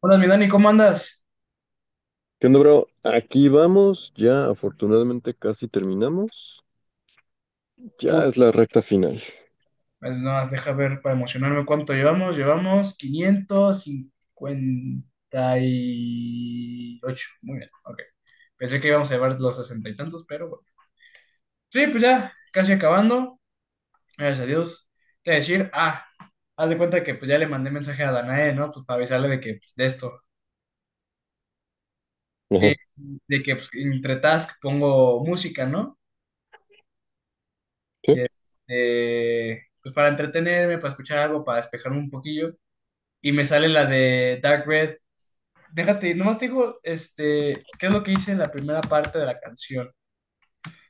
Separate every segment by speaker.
Speaker 1: Hola, mi Dani, ¿cómo andas?
Speaker 2: ¿Qué onda, bro? Aquí vamos, ya afortunadamente casi terminamos. Ya
Speaker 1: Uf,
Speaker 2: es la recta final.
Speaker 1: pues nada más deja ver para emocionarme cuánto llevamos. Llevamos 558. Muy bien, ok. Pensé que íbamos a llevar los sesenta y tantos, pero bueno. Sí, pues ya, casi acabando. Gracias a Dios. Te voy a decir, haz de cuenta que pues ya le mandé mensaje a Danae, ¿no? Pues para avisarle de que, pues, de esto. Y
Speaker 2: Ajá,
Speaker 1: de que, pues, entre task pongo música, ¿no?
Speaker 2: ¿sí?
Speaker 1: Y, pues para entretenerme, para escuchar algo, para despejarme un poquillo. Y me sale la de Dark Red. Déjate, nomás te digo, ¿qué es lo que hice en la primera parte de la canción?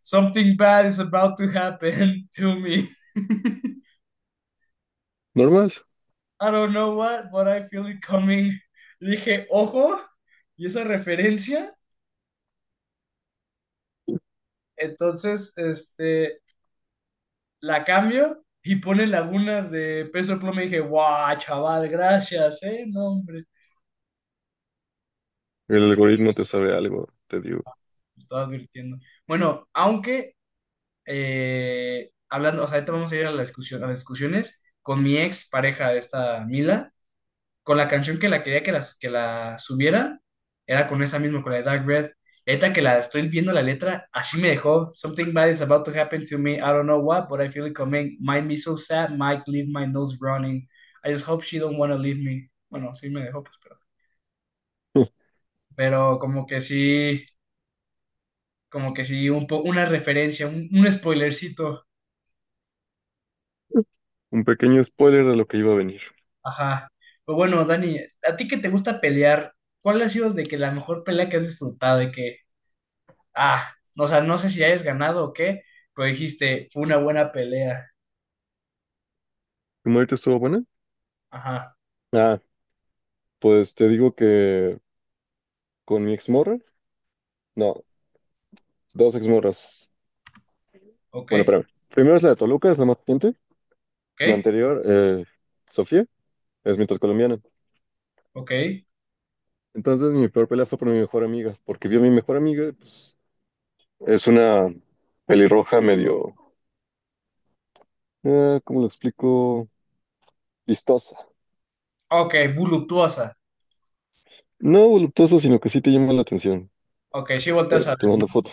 Speaker 1: Something bad is about to happen to me.
Speaker 2: Normal.
Speaker 1: I don't know what, but I feel it coming. Dije, ojo, y esa referencia, entonces, la cambio y pone lagunas de peso pluma y dije, guau, chaval, gracias, no, hombre,
Speaker 2: El algoritmo te sabe algo, te digo.
Speaker 1: me estaba advirtiendo. Bueno, aunque hablando, o sea, ahorita vamos a ir a la discusión, a las discusiones con mi ex pareja, esta Mila, con la canción que la quería que la subiera, era con esa misma, con la de Dark Red. Y ahorita que la estoy viendo la letra, así me dejó. Something bad is about to happen to me. I don't know what, but I feel it coming. Mind me so sad, Mike, leave my nose running. I just hope she don't wanna leave me. Bueno, sí me dejó, pues, pero, pero como que sí, una referencia, un spoilercito.
Speaker 2: Un pequeño spoiler de lo que iba a venir.
Speaker 1: Ajá. Pero bueno, Dani, a ti que te gusta pelear, ¿cuál ha sido de que la mejor pelea que has disfrutado? De que, o sea, no sé si hayas ganado o qué, pero dijiste, fue una buena pelea.
Speaker 2: ¿Tu muerte estuvo buena?
Speaker 1: Ajá,
Speaker 2: Ah, pues te digo que con mi exmorra, no, dos exmorras.
Speaker 1: ok,
Speaker 2: Bueno, espérame. Primero es la de Toluca, es la más reciente. La
Speaker 1: ok,
Speaker 2: anterior, Sofía, es mitad colombiana.
Speaker 1: ok,
Speaker 2: Entonces mi peor pelea fue por mi mejor amiga, porque vio a mi mejor amiga, pues es una pelirroja medio, ¿cómo lo explico? Vistosa.
Speaker 1: ok, voluptuosa.
Speaker 2: No voluptuosa, sino que sí te llama la atención.
Speaker 1: Ok, sí volteas
Speaker 2: Pero
Speaker 1: a
Speaker 2: te
Speaker 1: ver,
Speaker 2: mando
Speaker 1: ¿no?
Speaker 2: fotos.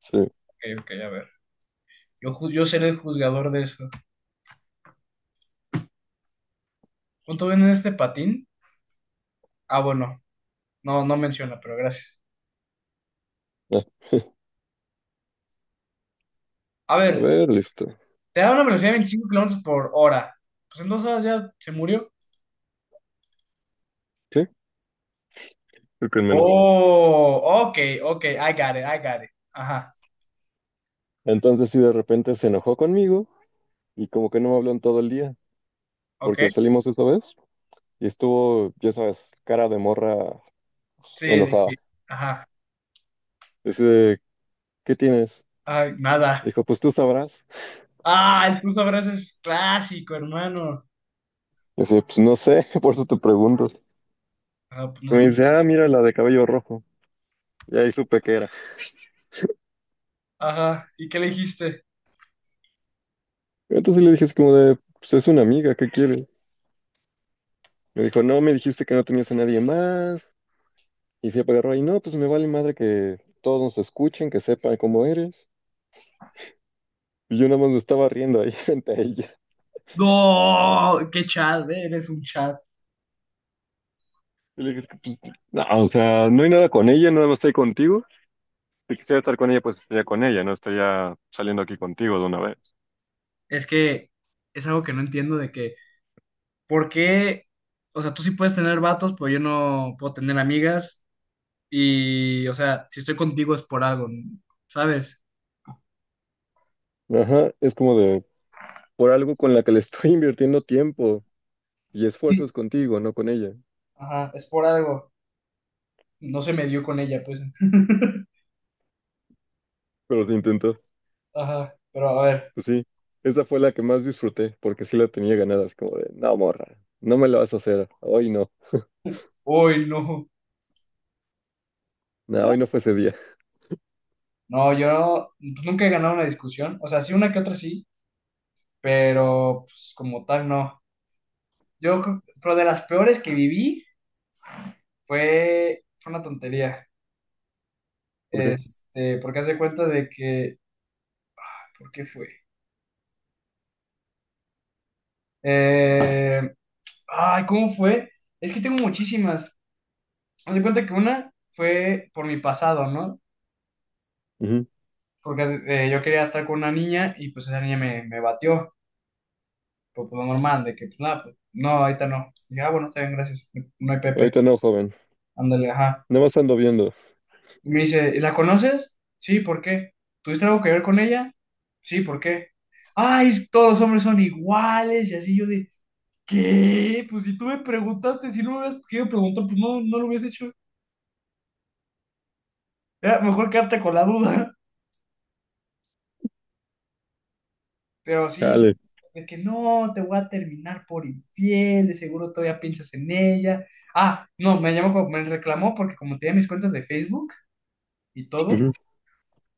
Speaker 2: Sí.
Speaker 1: Ok, ok, a ver. Yo seré el juzgador de eso. ¿Cuánto ven en este patín? Bueno, no, no menciona, pero gracias.
Speaker 2: Ah,
Speaker 1: A
Speaker 2: a
Speaker 1: ver,
Speaker 2: ver, listo.
Speaker 1: te da una velocidad de 25 kilómetros por hora. Pues en 2 horas ya se murió.
Speaker 2: Sí, creo que en menos.
Speaker 1: Oh, ok, ok, I got it, I got it. Ajá,
Speaker 2: Entonces, sí, de repente se enojó conmigo y como que no me habló en todo el día,
Speaker 1: ok,
Speaker 2: porque salimos esa vez y estuvo, ya sabes, cara de morra, pues,
Speaker 1: sí,
Speaker 2: enojada.
Speaker 1: ajá,
Speaker 2: Dice, ¿qué tienes?
Speaker 1: ay, nada.
Speaker 2: Dijo, pues tú sabrás.
Speaker 1: Ah, el tú sabrás es clásico, hermano.
Speaker 2: Dice, pues no sé, por eso te pregunto.
Speaker 1: Ah, pues,
Speaker 2: Y me dice, ah, mira la de cabello rojo. Y ahí supe que era.
Speaker 1: ajá, ¿y qué le dijiste?
Speaker 2: Entonces le dije así como de, pues es una amiga, ¿qué quiere? Me dijo, no, me dijiste que no tenías a nadie más. Y se agarró ahí, no, pues me vale madre que todos nos escuchen, que sepan cómo eres. Y yo nada más me estaba riendo ahí frente a ella.
Speaker 1: No, qué chat, eres un chat.
Speaker 2: Y le dije, no, o sea, no hay nada con ella, nada más estoy contigo. Si quisiera estar con ella, pues estaría con ella, no estaría saliendo aquí contigo de una vez.
Speaker 1: Es que es algo que no entiendo de que, ¿por qué? O sea, tú sí puedes tener vatos, pero yo no puedo tener amigas. Y, o sea, si estoy contigo es por algo, ¿sabes?
Speaker 2: Ajá, es como de, por algo con la que le estoy invirtiendo tiempo y
Speaker 1: Sí,
Speaker 2: esfuerzos contigo, no con ella.
Speaker 1: ajá, es por algo. No se me dio con ella, pues.
Speaker 2: Pero se intentó.
Speaker 1: Ajá, pero a ver,
Speaker 2: Pues sí, esa fue la que más disfruté, porque sí la tenía ganadas como de, no, morra, no me la vas a hacer, hoy no,
Speaker 1: uy, no.
Speaker 2: no, hoy no fue ese día.
Speaker 1: No, yo pues, nunca he ganado una discusión, o sea, sí una que otra sí, pero pues como tal no. Pero de las peores que viví fue una tontería,
Speaker 2: ¿Por qué?
Speaker 1: porque hace cuenta de que, ¿por qué fue? Eh, ay, ¿cómo fue? Es que tengo muchísimas. Haz de cuenta que una fue por mi pasado, ¿no?
Speaker 2: Ujú.
Speaker 1: Porque yo quería estar con una niña y pues esa niña me batió. Normal, de que, pues, nada, pues, no, ahorita no. Y dije, bueno, está bien, gracias. No hay Pepe.
Speaker 2: Ahorita no, joven,
Speaker 1: Ándale, ajá.
Speaker 2: nada más ando viendo.
Speaker 1: Y me dice, ¿y la conoces? Sí, ¿por qué? ¿Tuviste algo que ver con ella? Sí, ¿por qué? Ay, todos los hombres son iguales. Y así yo de, ¿qué? Pues si tú me preguntaste, si no me hubieras querido preguntar, pues no, no lo hubiese hecho. Era mejor quedarte con la duda. Pero sí,
Speaker 2: Dale.
Speaker 1: de que no, te voy a terminar por infiel, de seguro todavía piensas en ella. No, me llamó, me reclamó porque como tenía mis cuentas de Facebook. Y todo,
Speaker 2: Ujú.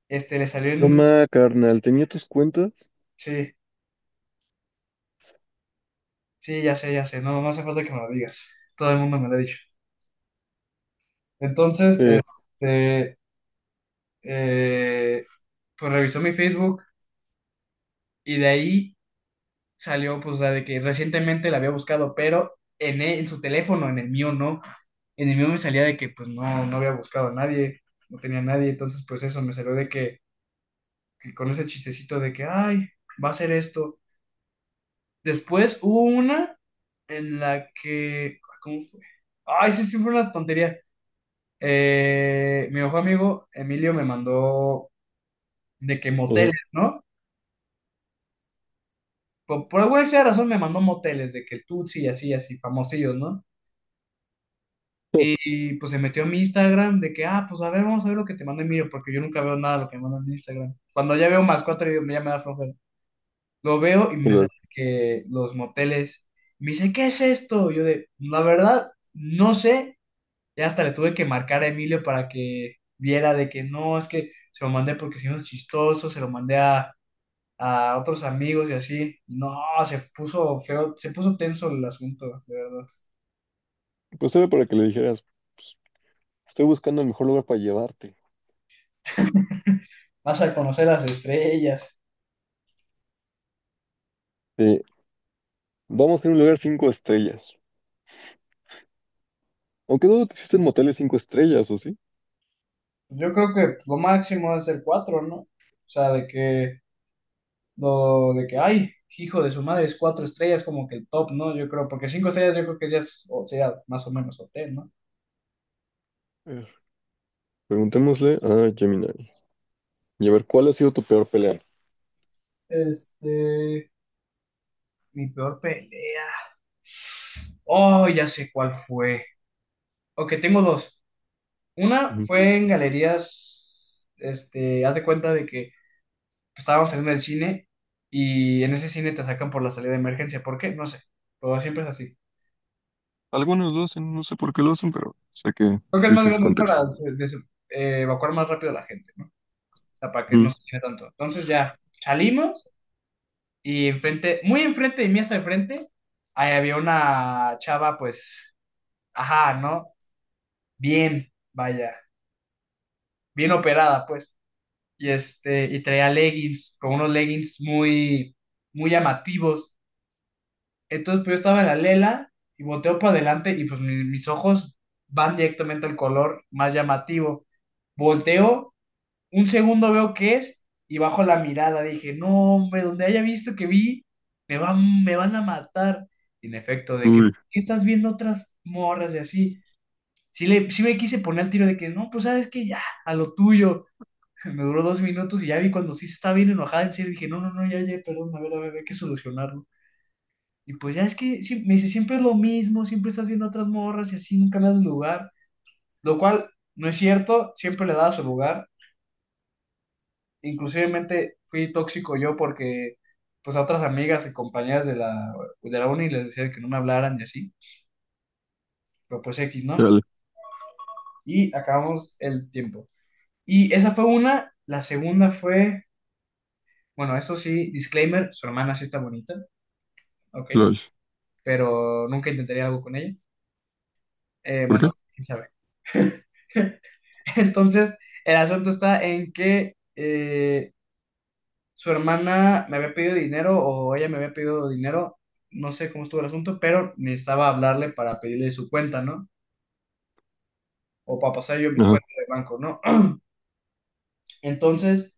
Speaker 1: le salió
Speaker 2: No
Speaker 1: en...
Speaker 2: ma, carnal, ¿tenía tus cuentas?
Speaker 1: Sí, sí, ya sé, no, no hace falta que me lo digas, todo el mundo me lo ha dicho. Entonces,
Speaker 2: Sí.
Speaker 1: eh, pues revisó mi Facebook y de ahí salió, pues, la de que recientemente la había buscado, pero en su teléfono, en el mío no, en el mío me salía de que, pues, no, no había buscado a nadie, no tenía a nadie, entonces, pues, eso, me salió de que con ese chistecito de que, ay, va a ser esto. Después hubo una en la que. ¿Cómo fue? Ay, sí, sí, fue una tontería. Mi mejor amigo Emilio me mandó de que
Speaker 2: Ujú.
Speaker 1: moteles, ¿no? Por alguna extraña razón me mandó moteles, de que Tutsi y así, así, famosillos, ¿no? Pues se metió a mi Instagram de que, ah, pues a ver, vamos a ver lo que te manda Emilio, porque yo nunca veo nada de lo que me mandan en Instagram. Cuando ya veo más cuatro, ya me da flojera. Lo veo y
Speaker 2: Y
Speaker 1: me
Speaker 2: lo-
Speaker 1: sale que los moteles. Me dice, ¿qué es esto? Yo de, la verdad, no sé. Ya hasta le tuve que marcar a Emilio para que viera de que no, es que se lo mandé porque si no es chistoso, se lo mandé a otros amigos y así. No, se puso feo, se puso tenso el asunto, de verdad.
Speaker 2: Pues era para que le dijeras, estoy buscando el mejor lugar para llevarte.
Speaker 1: Vas a conocer las estrellas.
Speaker 2: Sí, vamos a ir a un lugar cinco estrellas. Aunque dudo que existen moteles cinco estrellas, ¿o sí?
Speaker 1: Pues yo creo que lo máximo es el cuatro, ¿no? O sea, de que, lo, de que, ay, hijo de su madre, es cuatro estrellas como que el top, ¿no? Yo creo, porque cinco estrellas yo creo que ya es, o sea, más o menos hotel, ¿no?
Speaker 2: A ver, preguntémosle a Gemini y a ver cuál ha sido tu peor pelea.
Speaker 1: Este, Mi peor pelea. Oh, ya sé cuál fue. Ok, tengo dos. Una fue en galerías, haz de cuenta de que pues, estábamos saliendo del cine y en ese cine te sacan por la salida de emergencia. ¿Por qué? No sé, pero siempre es así.
Speaker 2: Algunos lo hacen, no sé por qué lo hacen, pero sé que
Speaker 1: Creo que es más
Speaker 2: existe ese
Speaker 1: grande
Speaker 2: contexto.
Speaker 1: para evacuar más rápido a la gente, ¿no? O sea, para que no
Speaker 2: Ujú.
Speaker 1: se llene tanto. Entonces ya salimos y enfrente, muy enfrente de mí hasta enfrente, ahí había una chava, pues, ajá, ¿no? Bien, vaya, bien operada, pues. Y traía leggings, con unos leggings muy, muy llamativos. Entonces, pues yo estaba en la lela y volteo para adelante y pues mis ojos van directamente al color más llamativo. Volteo, un segundo veo qué es y bajo la mirada. Dije, no, hombre, donde haya visto que vi, me van a matar. Y en efecto, de que, ¿por
Speaker 2: Uy,
Speaker 1: qué estás viendo otras morras y así? Sí, sí me quise poner el tiro de que, no, pues sabes que ya, a lo tuyo. Me duró 2 minutos y ya vi cuando sí se estaba bien enojada, en serio, dije, no, no, no, ya, ya, perdón, a ver, hay que solucionarlo. Y pues ya es que sí, me dice, siempre es lo mismo, siempre estás viendo a otras morras y así, nunca le das lugar, lo cual no es cierto, siempre le daba su lugar. Inclusivemente fui tóxico yo porque pues a otras amigas y compañeras de la, uni les decía que no me hablaran y así, pero pues X, ¿no?
Speaker 2: chale,
Speaker 1: Y acabamos el tiempo. Y esa fue una, la segunda fue, bueno, eso sí, disclaimer, su hermana sí está bonita, ok.
Speaker 2: lol.
Speaker 1: Pero nunca intentaría algo con ella.
Speaker 2: ¿Por qué?
Speaker 1: Bueno, quién sabe. Entonces, el asunto está en que su hermana me había pedido dinero o ella me había pedido dinero, no sé cómo estuvo el asunto, pero necesitaba hablarle para pedirle su cuenta, ¿no? O para pasar yo mi
Speaker 2: Ajá.
Speaker 1: cuenta de banco, ¿no? Entonces,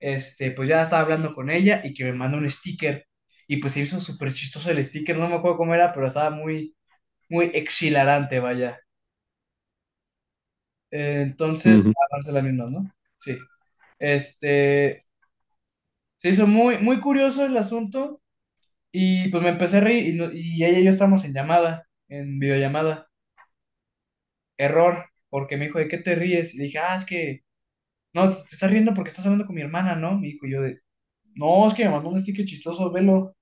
Speaker 1: pues ya estaba hablando con ella y que me manda un sticker. Y pues se hizo súper chistoso el sticker, no me acuerdo cómo era, pero estaba muy, muy exhilarante, vaya. Entonces,
Speaker 2: Ujú,
Speaker 1: a darse la misma, ¿no? Sí. Este, se hizo muy, muy curioso el asunto y pues me empecé a reír y, no- y ella y yo estábamos en llamada, en videollamada. Error, porque me dijo, ¿de qué te ríes? Y le dije, es que, no, te estás riendo porque estás hablando con mi hermana, ¿no? Me dijo, y yo de, no, es que me mandó un sticker chistoso, velo.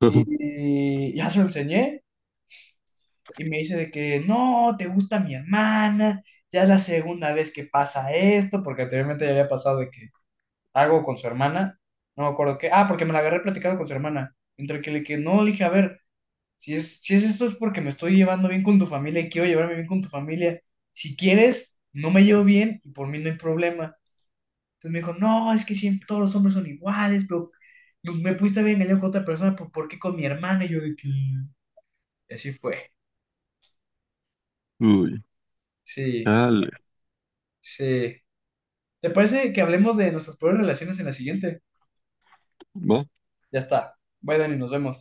Speaker 2: ajá.
Speaker 1: Y ya se lo enseñé y me dice de que, no, te gusta mi hermana, ya es la segunda vez que pasa esto, porque anteriormente ya había pasado de que hago con su hermana. No me acuerdo qué. Porque me la agarré platicando con su hermana. Entre que le que no, le dije, a ver, si es, esto es porque me estoy llevando bien con tu familia y quiero llevarme bien con tu familia. Si quieres, no me llevo bien y por mí no hay problema. Entonces me dijo, no, es que siempre todos los hombres son iguales, pero me pudiste haber engañado con otra persona, pero ¿por qué con mi hermana? Y yo de que. Y así fue.
Speaker 2: Uy,
Speaker 1: Sí,
Speaker 2: chale.
Speaker 1: sí. ¿Te parece que hablemos de nuestras peores relaciones en la siguiente?
Speaker 2: Va.
Speaker 1: Ya está. Bye, Dani, nos vemos.